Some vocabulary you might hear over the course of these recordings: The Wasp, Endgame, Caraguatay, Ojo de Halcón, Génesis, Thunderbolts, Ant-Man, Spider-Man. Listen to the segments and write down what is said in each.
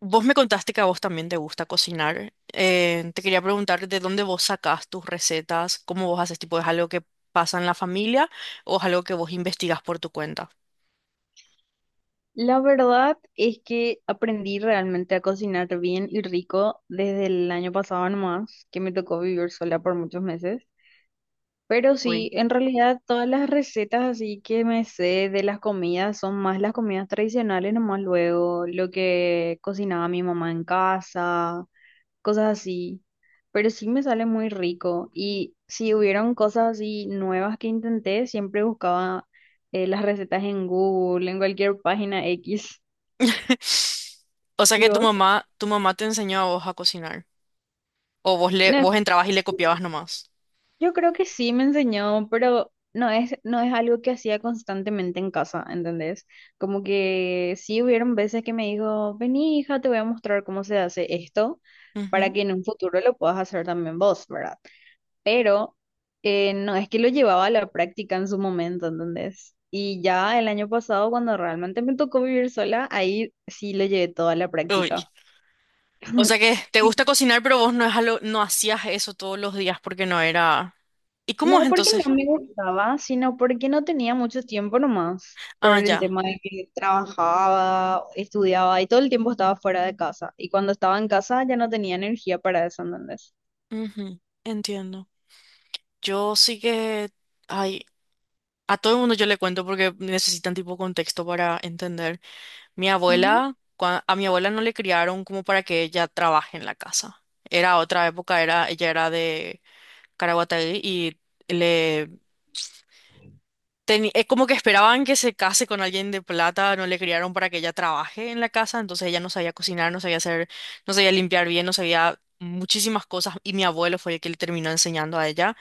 Vos me contaste que a vos también te gusta cocinar. Te quería preguntar de dónde vos sacás tus recetas, cómo vos haces, tipo, ¿es algo que pasa en la familia o es algo que vos investigás por tu cuenta? La verdad es que aprendí realmente a cocinar bien y rico desde el año pasado nomás, que me tocó vivir sola por muchos meses. Pero sí, Uy. en realidad todas las recetas así que me sé de las comidas son más las comidas tradicionales nomás luego, lo que cocinaba mi mamá en casa, cosas así. Pero sí me sale muy rico y si hubieron cosas así nuevas que intenté, siempre buscaba las recetas en Google, en cualquier página X. O sea ¿Y que tu vos? mamá, tu mamá te enseñó a vos a cocinar. O No, vos entrabas y le sí, copiabas nomás. yo creo que sí me enseñó, pero no es algo que hacía constantemente en casa, ¿entendés? Como que sí hubieron veces que me dijo, vení hija, te voy a mostrar cómo se hace esto para Ujú. que en un futuro lo puedas hacer también vos, ¿verdad? Pero no es que lo llevaba a la práctica en su momento, ¿entendés? Y ya el año pasado, cuando realmente me tocó vivir sola, ahí sí lo llevé toda a la Uy. práctica. O sea que te gusta cocinar, pero vos no, es algo- no hacías eso todos los días porque no era... ¿Y cómo es No porque entonces? no me gustaba, sino porque no tenía mucho tiempo nomás, por Ah, el ya. tema de que trabajaba, estudiaba y todo el tiempo estaba fuera de casa. Y cuando estaba en casa ya no tenía energía para eso, ¿entendés? Ujú, entiendo. Yo sí que... Ay, a todo el mundo yo le cuento porque necesitan tipo contexto para entender. Mi Ujú. abuela, cua- a mi abuela no le criaron como para que ella trabaje en la casa. Era otra época, era, ella era de Caraguatay y... le teni- como que esperaban que se case con alguien de plata, no le criaron para que ella trabaje en la casa, entonces ella no sabía cocinar, no sabía hacer, no sabía limpiar bien, no sabía muchísimas cosas y mi abuelo fue el que le terminó enseñando a ella.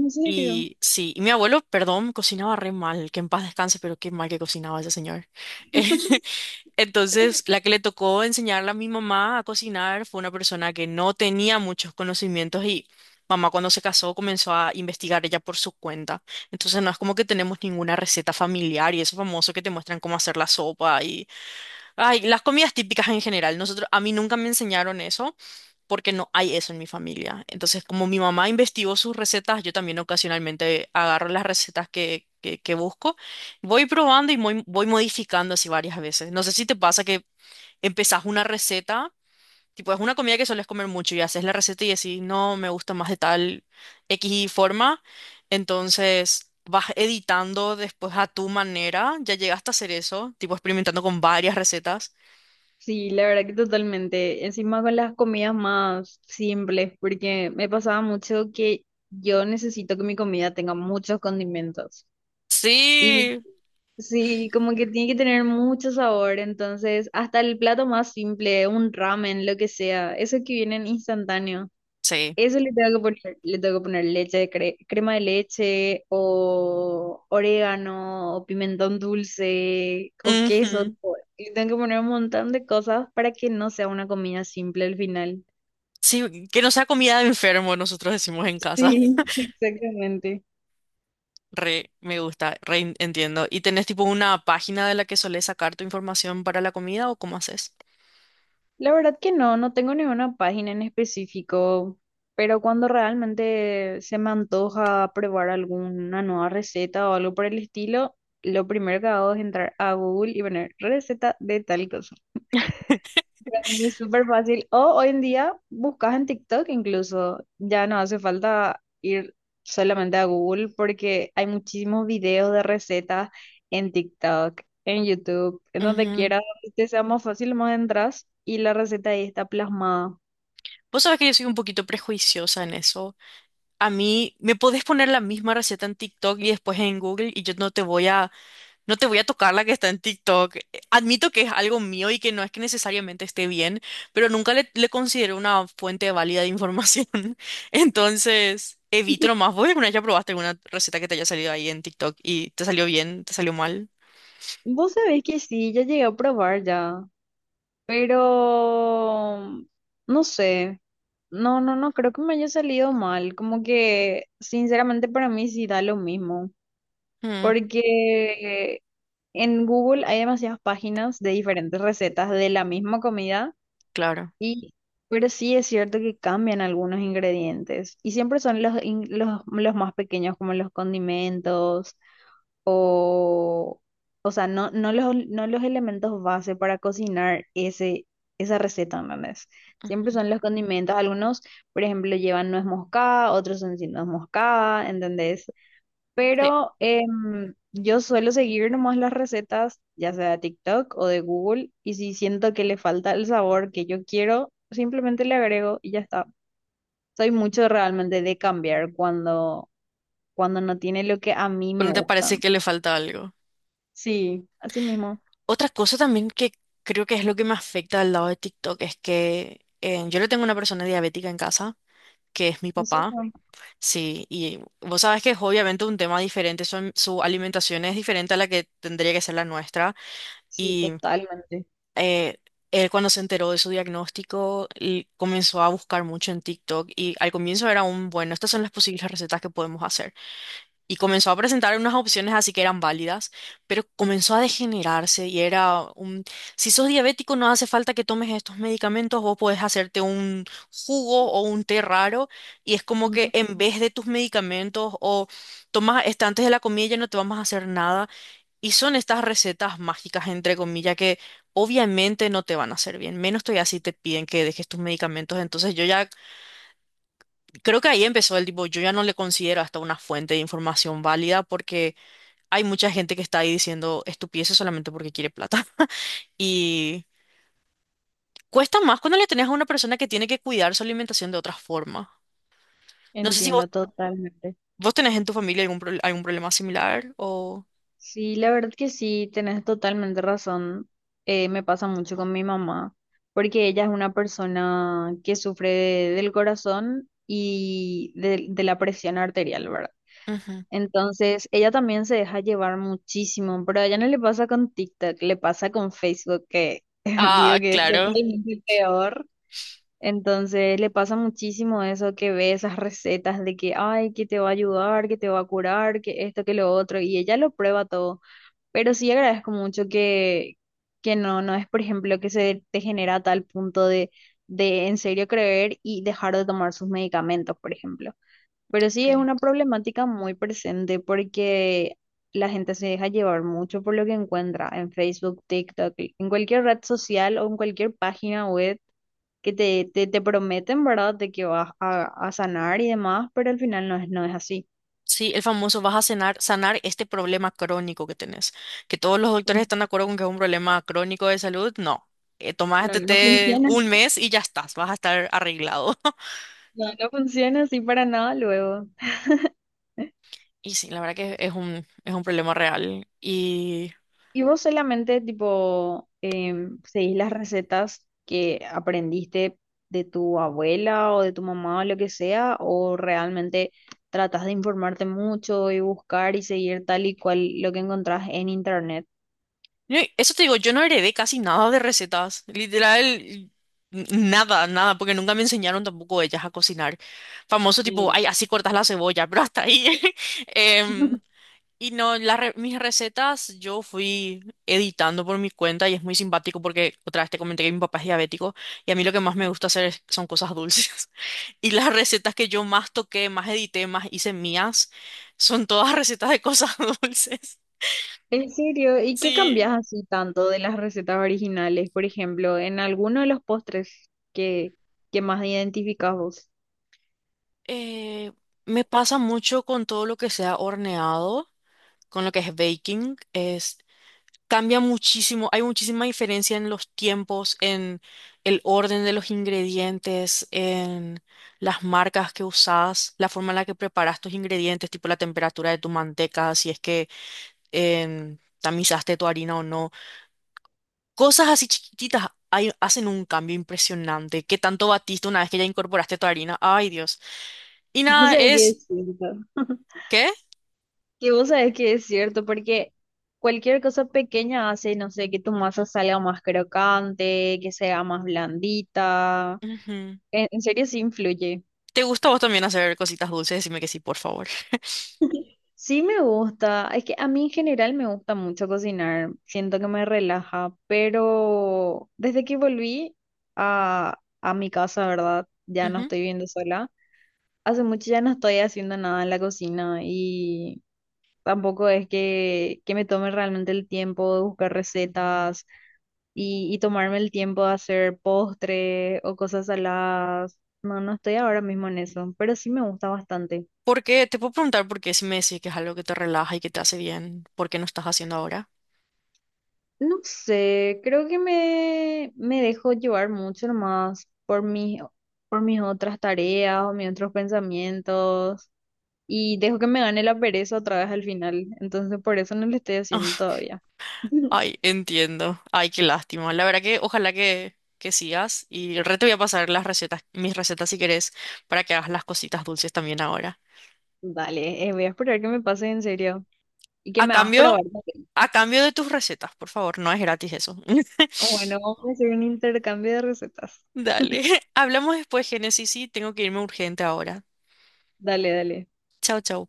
No sé qué va. Y sí, y mi abuelo, perdón, cocinaba re mal, que en paz descanse, pero qué mal que cocinaba ese señor. Entonces, la que le tocó enseñarle a mi mamá a cocinar fue una persona que no tenía muchos conocimientos y mamá cuando se casó comenzó a investigar ella por su cuenta. Entonces, no es como que tenemos ninguna receta familiar y eso famoso que te muestran cómo hacer la sopa y ay, las comidas típicas en general. Nosotros, a mí nunca me enseñaron eso porque no hay eso en mi familia. Entonces, como mi mamá investigó sus recetas, yo también ocasionalmente agarro las recetas que busco. Voy probando y voy modificando así varias veces. No sé si te pasa que empezás una receta, tipo es una comida que sueles comer mucho y haces la receta y decís, no, me gusta más de tal X forma, entonces vas editando después a tu manera, ya llegaste a hacer eso, tipo experimentando con varias recetas. Sí, la verdad que totalmente. Encima con las comidas más simples, porque me pasaba mucho que yo necesito que mi comida tenga muchos condimentos. Sí, Sí, como que tiene que tener mucho sabor, entonces hasta el plato más simple, un ramen, lo que sea, eso que viene en instantáneo, sí. eso le tengo que poner, le tengo que poner leche, cre- crema de leche o orégano o pimentón dulce o queso, Ujú. tipo, le tengo que poner un montón de cosas para que no sea una comida simple al final. Sí, que no sea comida de enfermo, nosotros decimos en casa. Sí, exactamente. Re, me gusta, re en- entiendo. ¿Y tenés tipo una página de la que solés sacar tu información para la comida o cómo haces? La verdad que no, no tengo ninguna página en específico, pero cuando realmente se me antoja probar alguna nueva receta o algo por el estilo, lo primero que hago es entrar a Google y poner receta de tal cosa. Para mí es súper fácil. O hoy en día buscas en TikTok incluso. Ya no hace falta ir solamente a Google porque hay muchísimos videos de recetas en TikTok, en YouTube, en donde Ujú. quieras, donde te sea más fácil, más entras y la receta ahí está plasmada. Vos sabés que yo soy un poquito prejuiciosa en eso. A mí me podés poner la misma receta en TikTok y después en Google y yo no te voy a tocar la que está en TikTok. Admito que es algo mío y que no es que necesariamente esté bien, pero nunca le considero una fuente válida de información. Entonces, evito nomás. ¿Vos alguna vez ya probaste alguna receta que te haya salido ahí en TikTok y te salió bien, te salió mal? Vos sabés que sí, ya llegué a probar ya, pero no sé. No, no, no, creo que me haya salido mal. Como que, sinceramente, para mí sí da lo mismo. Mm, Porque en Google hay demasiadas páginas de diferentes recetas de la misma comida claro. y pero sí es cierto que cambian algunos ingredientes y siempre son los más pequeños como los condimentos o o sea, no los elementos base para cocinar ese esa receta, ¿entendés? Siempre Ujú. son los condimentos, algunos, por ejemplo, llevan nuez moscada, otros son sin nuez moscada, ¿entendés? Sí. Pero yo suelo seguir nomás las recetas, ya sea de TikTok o de Google, y si siento que le falta el sabor que yo quiero, simplemente le agrego y ya está. Soy mucho realmente de cambiar cuando no tiene lo que a mí Pero me no te parece gustan. que le falta algo. Sí, así mismo. Otra cosa también que creo que es lo que me afecta del lado de TikTok es que yo le tengo una persona diabética en casa, que es mi ¿En papá, serio? sí, y vos sabés que es obviamente un tema diferente, su alimentación es diferente a la que tendría que ser la nuestra, Sí, y totalmente. eh, él cuando se enteró de su diagnóstico y comenzó a buscar mucho en TikTok y al comienzo era un, bueno, estas son las posibles recetas que podemos hacer y comenzó a presentar unas opciones así que eran válidas, pero comenzó a degenerarse y era un, si sos diabético no hace falta que tomes estos medicamentos, vos podés hacerte un jugo o un té raro y es como que Ujú. en vez de tus medicamentos o tomas este antes de la comida ya no te vamos a hacer nada y son estas recetas mágicas entre comillas que obviamente no te van a hacer bien, menos todavía si te piden que dejes tus medicamentos, entonces yo ya creo que ahí empezó el tipo, yo ya no le considero hasta una fuente de información válida porque hay mucha gente que está ahí diciendo estupideces solamente porque quiere plata. Y cuesta más cuando le tenés a una persona que tiene que cuidar su alimentación de otra forma. No sé si Entiendo totalmente. vos tenés en tu familia algún, pro- algún problema similar o... Sí, la verdad que sí, tenés totalmente razón. Me pasa mucho con mi mamá, porque ella es una persona que sufre de- del corazón y de la presión arterial, ¿verdad? Ujú. Entonces, ella también se deja llevar muchísimo, pero a ella no le pasa con TikTok, le pasa con Facebook, que Ah, digo que es claro. totalmente peor. Entonces, le pasa muchísimo eso que ve esas recetas de que, ay, que te va a ayudar, que te va a curar, que esto, que lo otro, y ella lo prueba todo. Pero sí agradezco mucho que no, no es, por ejemplo, que se te genera a tal punto de en serio creer y dejar de tomar sus medicamentos, por ejemplo. Pero Ok. sí es una problemática muy presente porque la gente se deja llevar mucho por lo que encuentra en Facebook, TikTok, en cualquier red social o en cualquier página web que te prometen, ¿verdad?, de que vas a sanar y demás, pero al final no es así. Sí, el famoso vas a cenar- sanar este problema crónico que tenés. Que todos los doctores están de acuerdo con que es un problema crónico de salud. No. Tomás No, este no té funciona, un mes y ya estás, vas a estar arreglado. no, no funciona así para nada luego. Y sí, la verdad que es un problema real. Y ¿Y vos solamente tipo seguís las recetas que aprendiste de tu abuela o de tu mamá o lo que sea? ¿O realmente tratás de informarte mucho y buscar y seguir tal y cual lo que encontrás en internet? yo- eso te digo, yo no heredé casi nada de recetas, literal, n- nada, nada, porque nunca me enseñaron tampoco ellas a cocinar. Famoso Y tipo, ya. ay, así cortas la cebolla, pero hasta ahí. Em, y no, las re- mis recetas yo fui editando por mi cuenta y es muy simpático porque otra vez te comenté que mi papá es diabético y a mí lo que más me gusta hacer es- son cosas dulces. Y las recetas que yo más toqué, más edité, más hice mías, son todas recetas de cosas dulces. ¿En serio? ¿Y qué cambias Sí. así tanto de las recetas originales? Por ejemplo, en alguno de los postres que más identificás vos. Eh, Me pasa mucho con todo lo que sea horneado, con lo que es baking, es cambia muchísimo, hay muchísima diferencia en los tiempos, en el orden de los ingredientes, en las marcas que usas, la forma en la que preparas tus ingredientes, tipo la temperatura de tu manteca, si es que tamizaste tu harina o no. Cosas así chiquititas hay- hacen un cambio impresionante. ¿Qué tanto batiste una vez que ya incorporaste tu harina? Ay, Dios. Y No nada, sé qué es... decir. ¿Qué? Que vos sabés que es cierto, porque cualquier cosa pequeña hace, no sé, que tu masa salga más crocante, que sea más blandita. Ujú. En serio, sí influye. ¿Te gusta a vos también hacer cositas dulces? Decime que sí, por favor. Sí me gusta, es que a mí en general me gusta mucho cocinar, siento que me relaja, pero desde que volví a mi casa, ¿verdad? Ya no Ujú. estoy viviendo sola. Hace mucho ya no estoy haciendo nada en la cocina y tampoco es que me tome realmente el tiempo de buscar recetas y tomarme el tiempo de hacer postre o cosas saladas. No, no estoy ahora mismo en eso, pero sí me gusta bastante. ¿Por qué? Te puedo preguntar por qué si me decís que es algo que te relaja y que te hace bien, ¿por qué no estás haciendo ahora? No sé, creo que me dejo llevar mucho más por por mis otras tareas o mis otros pensamientos y dejo que me gane la pereza otra vez al final. Entonces por eso no lo estoy haciendo todavía. Ay, entiendo. Ay, qué lástima. La verdad que ojalá que sigas y re te voy a pasar las recetas, mis recetas si querés, para que hagas las cositas dulces también ahora. Dale, voy a esperar que me pase en serio y que A me hagas probar cambio, también. a cambio de tus recetas, por favor, no es gratis eso. Bueno, vamos a hacer un intercambio de recetas. Dale. Hablamos después, Génesis, sí, tengo que irme urgente ahora. Dale, dale. Chao, chao.